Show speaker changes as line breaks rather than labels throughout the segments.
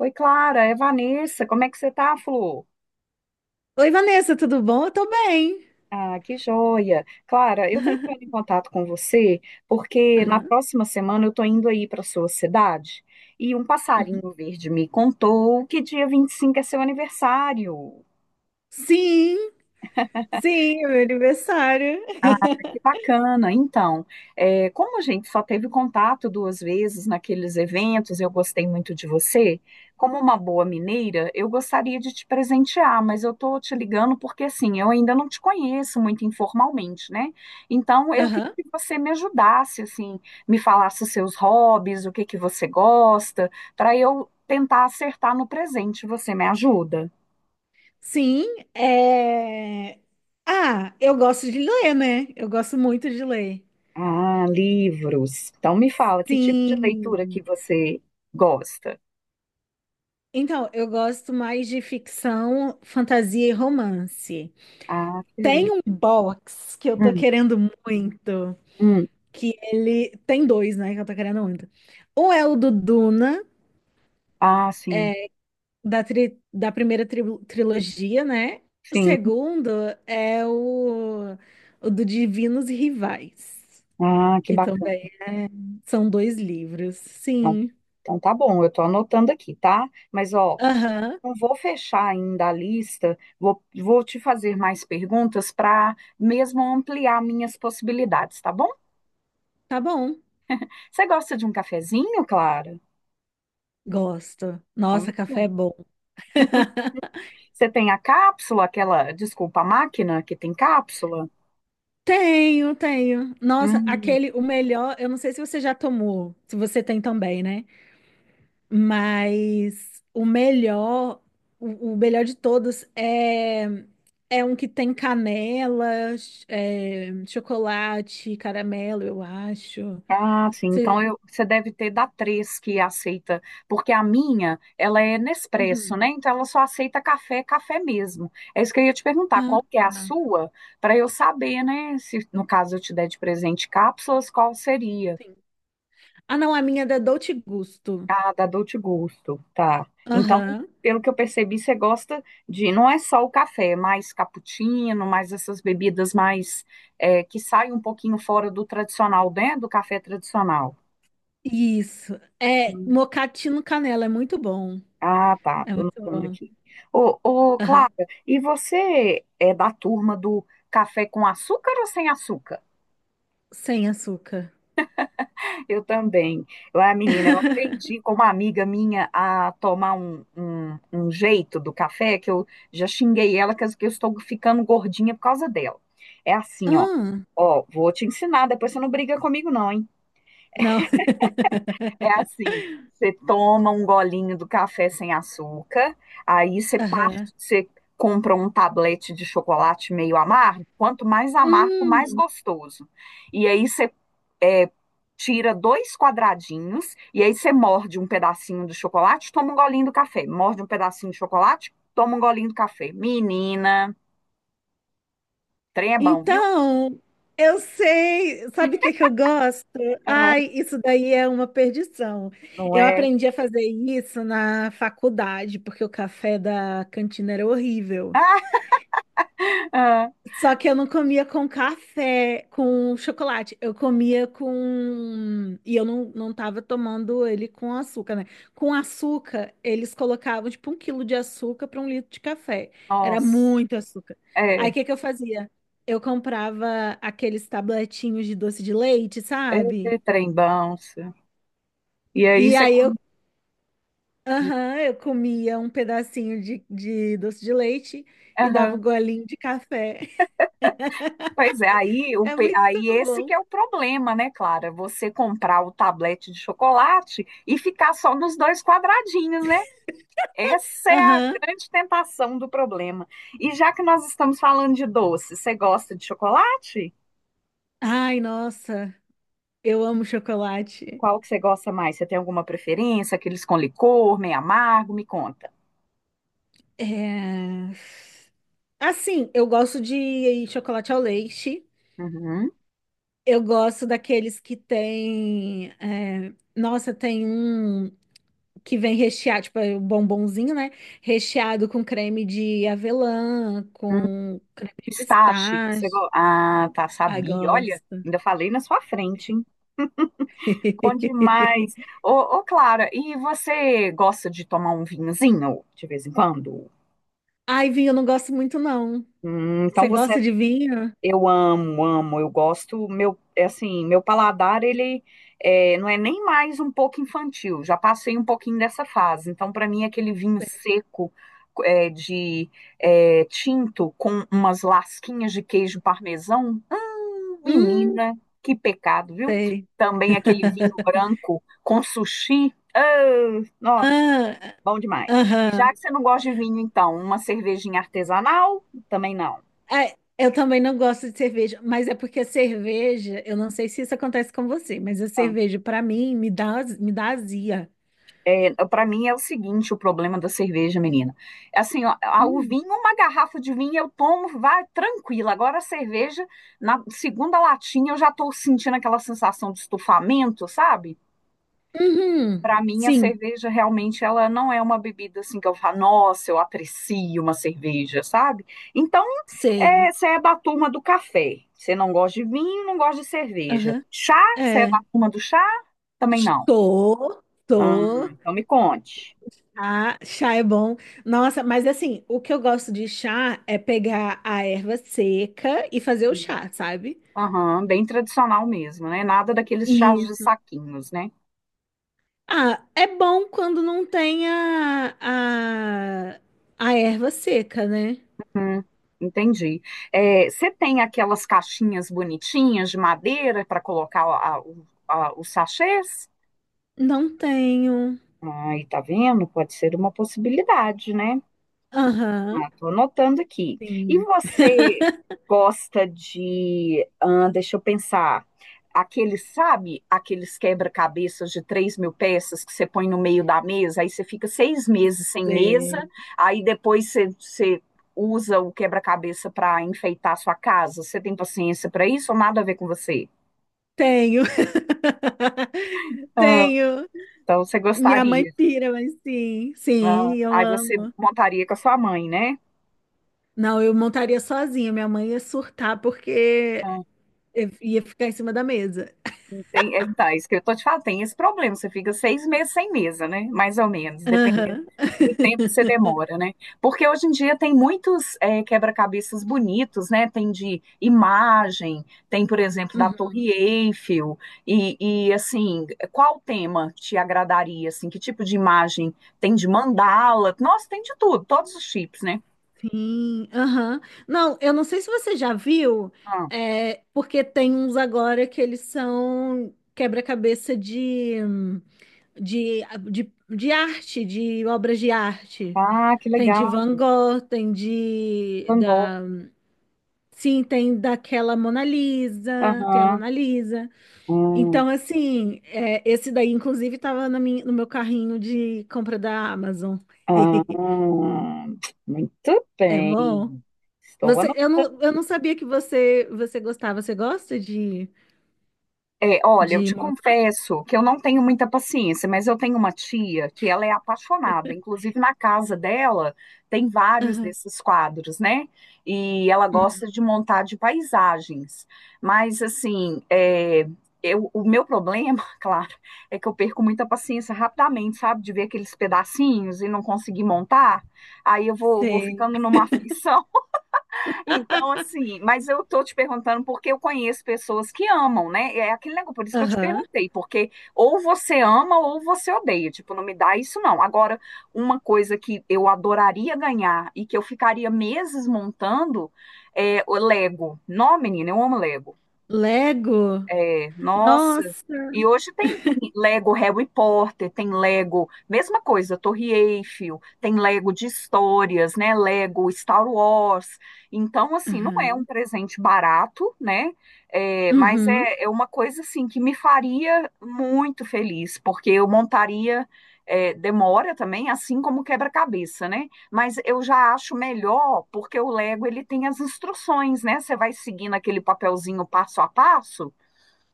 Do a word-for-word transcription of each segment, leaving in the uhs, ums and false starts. Oi, Clara, é Vanessa. Como é que você tá, Flor?
Oi, Vanessa, tudo bom? Eu tô bem.
Ah, que joia. Clara, eu tô entrando em contato com você porque na
Aham,
próxima semana eu tô indo aí para sua cidade e um
uhum.
passarinho verde me contou que dia vinte e cinco é seu aniversário.
Sim, sim, é meu aniversário.
Ah, que bacana. Então, é, como a gente só teve contato duas vezes naqueles eventos, eu gostei muito de você. Como uma boa mineira, eu gostaria de te presentear, mas eu tô te ligando porque assim, eu ainda não te conheço muito informalmente, né? Então, eu queria
Aham.
que você me ajudasse, assim, me falasse os seus hobbies, o que que você gosta, para eu tentar acertar no presente. Você me ajuda?
Sim, é... Ah, eu gosto de ler, né? Eu gosto muito de ler.
Ah, livros. Então me fala, que tipo de leitura que
Sim.
você gosta?
Então, eu gosto mais de ficção, fantasia e romance.
Ah, que
Tem
beleza.
um box que eu tô
Hum,
querendo muito,
hum.
que ele... tem dois, né, que eu tô querendo muito. Um é o do Duna,
Ah, sim,
da, tri- da primeira tri- trilogia, né? O
sim.
segundo é o, o do Divinos Rivais,
Ah, que
que
bacana.
também é- são dois livros.
Então,
Sim.
então tá bom, eu tô anotando aqui, tá? Mas ó,
Aham,
não vou fechar ainda a lista, vou, vou te fazer mais perguntas para mesmo ampliar minhas possibilidades, tá bom?
tá bom.
Você gosta de um cafezinho, Clara?
Gosto.
Então
Nossa,
me
café é
conta.
bom.
Você tem a cápsula, aquela, desculpa, a máquina que tem cápsula?
Tenho, tenho. Nossa,
Hum.
aquele, o melhor, eu não sei se você já tomou, se você tem também, né? Mas o melhor, o, o melhor de todos é, é um que tem canela, ch- é, chocolate, caramelo, eu acho.
Ah, sim. Então
Você-
eu, você deve ter da três que aceita, porque a minha, ela é Nespresso,
Uhum.
né? Então ela só aceita café, café mesmo. É isso que eu ia te perguntar,
Ah,
qual que é a sua, para eu saber, né? Se no caso eu te der de presente cápsulas, qual seria?
sim. Ah, não, a minha é da Dolce Gusto.
Ah, da Dolce Gusto, tá. Então,
Aham.
pelo que eu percebi, você gosta de, não é só o café, é mais cappuccino, mais essas bebidas mais, é, que saem um pouquinho fora do tradicional, né? Do café tradicional.
Isso. É mocatino canela, é muito bom.
Ah, tá,
É
tô
muito
anotando
bom.
aqui. Ô, ô, Clara,
Aham.
e você é da turma do café com açúcar ou sem açúcar?
Sem açúcar.
Eu também. Eu, a menina, eu aprendi com uma amiga minha a tomar um, um, um jeito do café, que eu já xinguei ela, que eu que eu estou ficando gordinha por causa dela. É assim, ó.
Ah,
Ó, vou te ensinar, depois você não briga comigo, não, hein?
não.
É assim, você toma um golinho do café sem açúcar, aí você
Aham.
parte, você compra um tablete de chocolate meio amargo, quanto mais amargo, mais
Hum.
gostoso. E aí você é, tira dois quadradinhos, e aí você morde um pedacinho do chocolate, toma um golinho do café. Morde um pedacinho de chocolate, toma um golinho do café. Menina, trem é bom, viu?
Então, eu sei, sabe o que que eu gosto?
É,
Ai, isso daí é uma perdição.
não
Eu
é?
aprendi a fazer isso na faculdade, porque o café da cantina era horrível.
Ah, ah,
Só que eu não comia com café, com chocolate. Eu comia com. E eu não, não tava tomando ele com açúcar, né? Com açúcar, eles colocavam tipo um quilo de açúcar para um litro de café. Era
nossa,
muito açúcar. Aí o
é,
que que eu fazia? Eu comprava aqueles tabletinhos de doce de leite,
é, é
sabe?
trem bom. Isso. E aí
E
você
aí eu,
come.
aham, eu comia um pedacinho de, de doce de leite e dava
Aham.
um golinho de café.
Pois é, aí, o,
É
pe-
muito
aí esse que
bom.
é o problema, né, Clara? Você comprar o tablete de chocolate e ficar só nos dois quadradinhos, né? Essa é a
Aham.
grande tentação do problema. E já que nós estamos falando de doce, você gosta de chocolate?
Ai, nossa, eu amo chocolate.
Qual que você gosta mais? Você tem alguma preferência? Aqueles com licor, meio amargo? Me conta.
É... Assim, eu gosto de chocolate ao leite.
Uhum.
Eu gosto daqueles que tem. é, Nossa, tem um que vem recheado, tipo, é o bombonzinho, né? Recheado com creme de avelã,
Hum,
com
pistache, você
pistache.
gosta? Ah, tá,
Ai,
sabia. Olha,
gosto.
ainda falei na sua frente, hein? Bom demais. Ô, ô, Clara, e você gosta de tomar um vinhozinho de vez em quando?
Ai, vinho, eu não gosto muito, não.
Hum,
Você
então você,
gosta de vinho?
eu amo, amo, eu gosto. Meu, é assim, meu paladar ele é, não é nem mais um pouco infantil. Já passei um pouquinho dessa fase. Então para mim aquele vinho seco é, de é, tinto com umas lasquinhas de queijo parmesão.
Hum,
Menina, que pecado, viu?
sei.
Também aquele vinho branco com sushi. Ah, nossa,
Ah,
bom demais. E já
aham.
que você não gosta de vinho, então, uma cervejinha artesanal? Também não.
Ah, eu também não gosto de cerveja, mas é porque a cerveja, eu não sei se isso acontece com você, mas a cerveja, pra mim, me dá, me dá azia.
Para mim é o seguinte, o problema da cerveja, menina. É assim, ó, a- o
Hum.
vinho, uma garrafa de vinho eu tomo, vai tranquila. Agora a cerveja, na segunda latinha eu já tô sentindo aquela sensação de estufamento, sabe? Para
Uhum.
mim, a
Sim,
cerveja realmente ela não é uma bebida assim que eu falo, nossa, eu aprecio uma cerveja, sabe? Então,
sei.
é, você é da turma do café. Você não gosta de vinho, não gosta de cerveja.
Aham.
Chá, você é da
É.
turma do chá? Também não.
Tô,
Hum,
tô.
então me conte.
Chá, chá é bom. Nossa, mas assim, o que eu gosto de chá é pegar a erva seca e fazer o
Sim.
chá, sabe?
Aham, bem tradicional mesmo, né? Nada daqueles chás de
Isso.
saquinhos, né?
Ah, é bom quando não tem a, a, a erva seca, né?
Hum, entendi. É, você tem aquelas caixinhas bonitinhas de madeira para colocar a- o- a- os sachês?
Não tenho.
Ai, tá vendo? Pode ser uma possibilidade, né?
Aham.
Ah, tô anotando aqui. E
Sim.
você gosta de, ah, deixa eu pensar, aqueles, sabe, aqueles quebra-cabeças de três mil peças que você põe no meio da mesa, aí você fica seis meses sem mesa,
é,
aí depois você, você usa o quebra-cabeça para enfeitar a sua casa. Você tem paciência para isso ou nada a ver com você?
Tenho.
Ah,
Tenho.
então você
Minha mãe
gostaria.
pira, mas sim.
Ah,
Sim, eu
aí você
amo.
montaria com a sua mãe, né?
Não, eu montaria sozinha. Minha mãe ia surtar porque eu ia ficar em cima da mesa.
Tem, é, tá, isso que eu tô te falando, tem esse problema, você fica seis meses sem mesa, né? Mais ou menos, dependendo
Aham.
do tempo que você demora, né? Porque hoje em dia tem muitos é, quebra-cabeças bonitos, né? Tem de imagem, tem, por exemplo, da
Uhum,
Torre Eiffel, e, e assim, qual tema te agradaria, assim? Que tipo de imagem? Tem de mandala? Nossa, tem de tudo, todos os tipos, né?
sim, aham. Não, eu não sei se você já viu,
Ah,
é, porque tem uns agora que eles são quebra-cabeça de. de, de, de arte, de obras de arte.
ah, que
Tem de
legal,
Van Gogh, tem de
Van Gogh.
da, sim, tem daquela Mona Lisa, tem a
Aham.
Mona Lisa.
Hum,
Então, assim, é, esse daí, inclusive, estava na minha, no meu carrinho de compra da Amazon.
ah, muito.
É bom.
Estou
Você, eu
anotando.
não, eu não sabia que você, você gostava. Você gosta de,
É, olha, eu
de...
te
mon-
confesso que eu não tenho muita paciência, mas eu tenho uma tia que ela é apaixonada. Inclusive, na casa dela tem vários
aham.
desses quadros, né? E ela
Hum,
gosta de montar de paisagens. Mas, assim, é, eu, o meu problema, claro, é que eu perco muita paciência rapidamente, sabe? De ver aqueles pedacinhos e não conseguir montar. Aí eu vou, vou
sei.
ficando numa aflição. Então, assim, mas eu tô te perguntando porque eu conheço pessoas que amam, né? É aquele negócio, por isso que eu te
Aham.
perguntei, porque ou você ama ou você odeia, tipo, não me dá isso não. Agora, uma coisa que eu adoraria ganhar e que eu ficaria meses montando é o Lego. Não, menina, eu amo Lego.
Lego?
É, nossa.
Nossa.
E hoje tem, tem Lego Harry Potter, tem Lego, mesma coisa, Torre Eiffel, tem Lego de histórias, né? Lego Star Wars. Então, assim, não é um
Aham.
presente barato, né? É, mas
Uhum.
é, é uma coisa, assim, que me faria muito feliz, porque eu montaria. É, demora também, assim como quebra-cabeça, né? Mas eu já acho melhor, porque o Lego ele tem as instruções, né? Você vai seguindo aquele papelzinho passo a passo,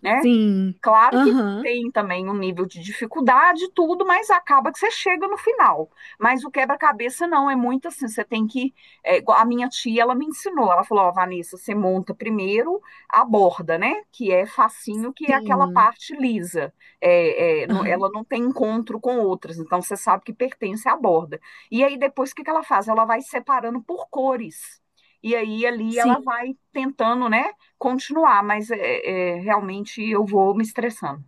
né?
Sim.
Claro que
Aham.
tem também um nível de dificuldade, e tudo, mas acaba que você chega no final. Mas o quebra-cabeça não, é muito assim, você tem que. É, igual a minha tia, ela me ensinou, ela falou: Ó, Vanessa, você monta primeiro a borda, né? Que é facinho, que é aquela
Sim.
parte lisa. É, é, não-
Aham.
ela não tem encontro com outras, então você sabe que pertence à borda. E aí depois o que que ela faz? Ela vai separando por cores. E aí ali
Sim.
ela vai tentando, né? Continuar, mas é, é, realmente eu vou me estressando.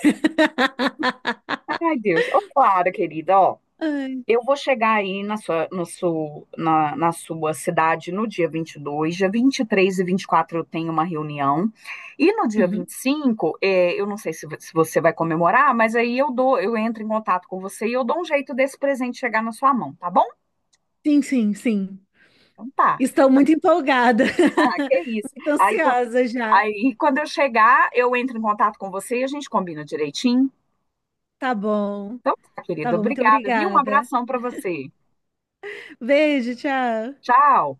Ai, Deus. Ô, Clara, querida, ó,
Ai.
eu vou chegar aí na sua, no seu- na, na sua cidade no dia vinte e dois, dia vinte e três e e vinte e quatro eu tenho uma reunião, e no dia
Uhum.
vinte e cinco, é, eu não sei se, vo- se você vai comemorar, mas aí eu dou, eu entro em contato com você e eu dou um jeito desse presente chegar na sua mão, tá bom?
Sim, sim, sim.
Então tá.
Estou muito empolgada.
Ah, que isso.
Muito
Aí, quan-
ansiosa já.
aí quando eu chegar, eu entro em contato com você e a gente combina direitinho.
Tá bom.
Então tá,
Tá
querido.
bom, muito
Obrigada, viu? Um
obrigada.
abração para você.
Beijo, tchau.
Tchau.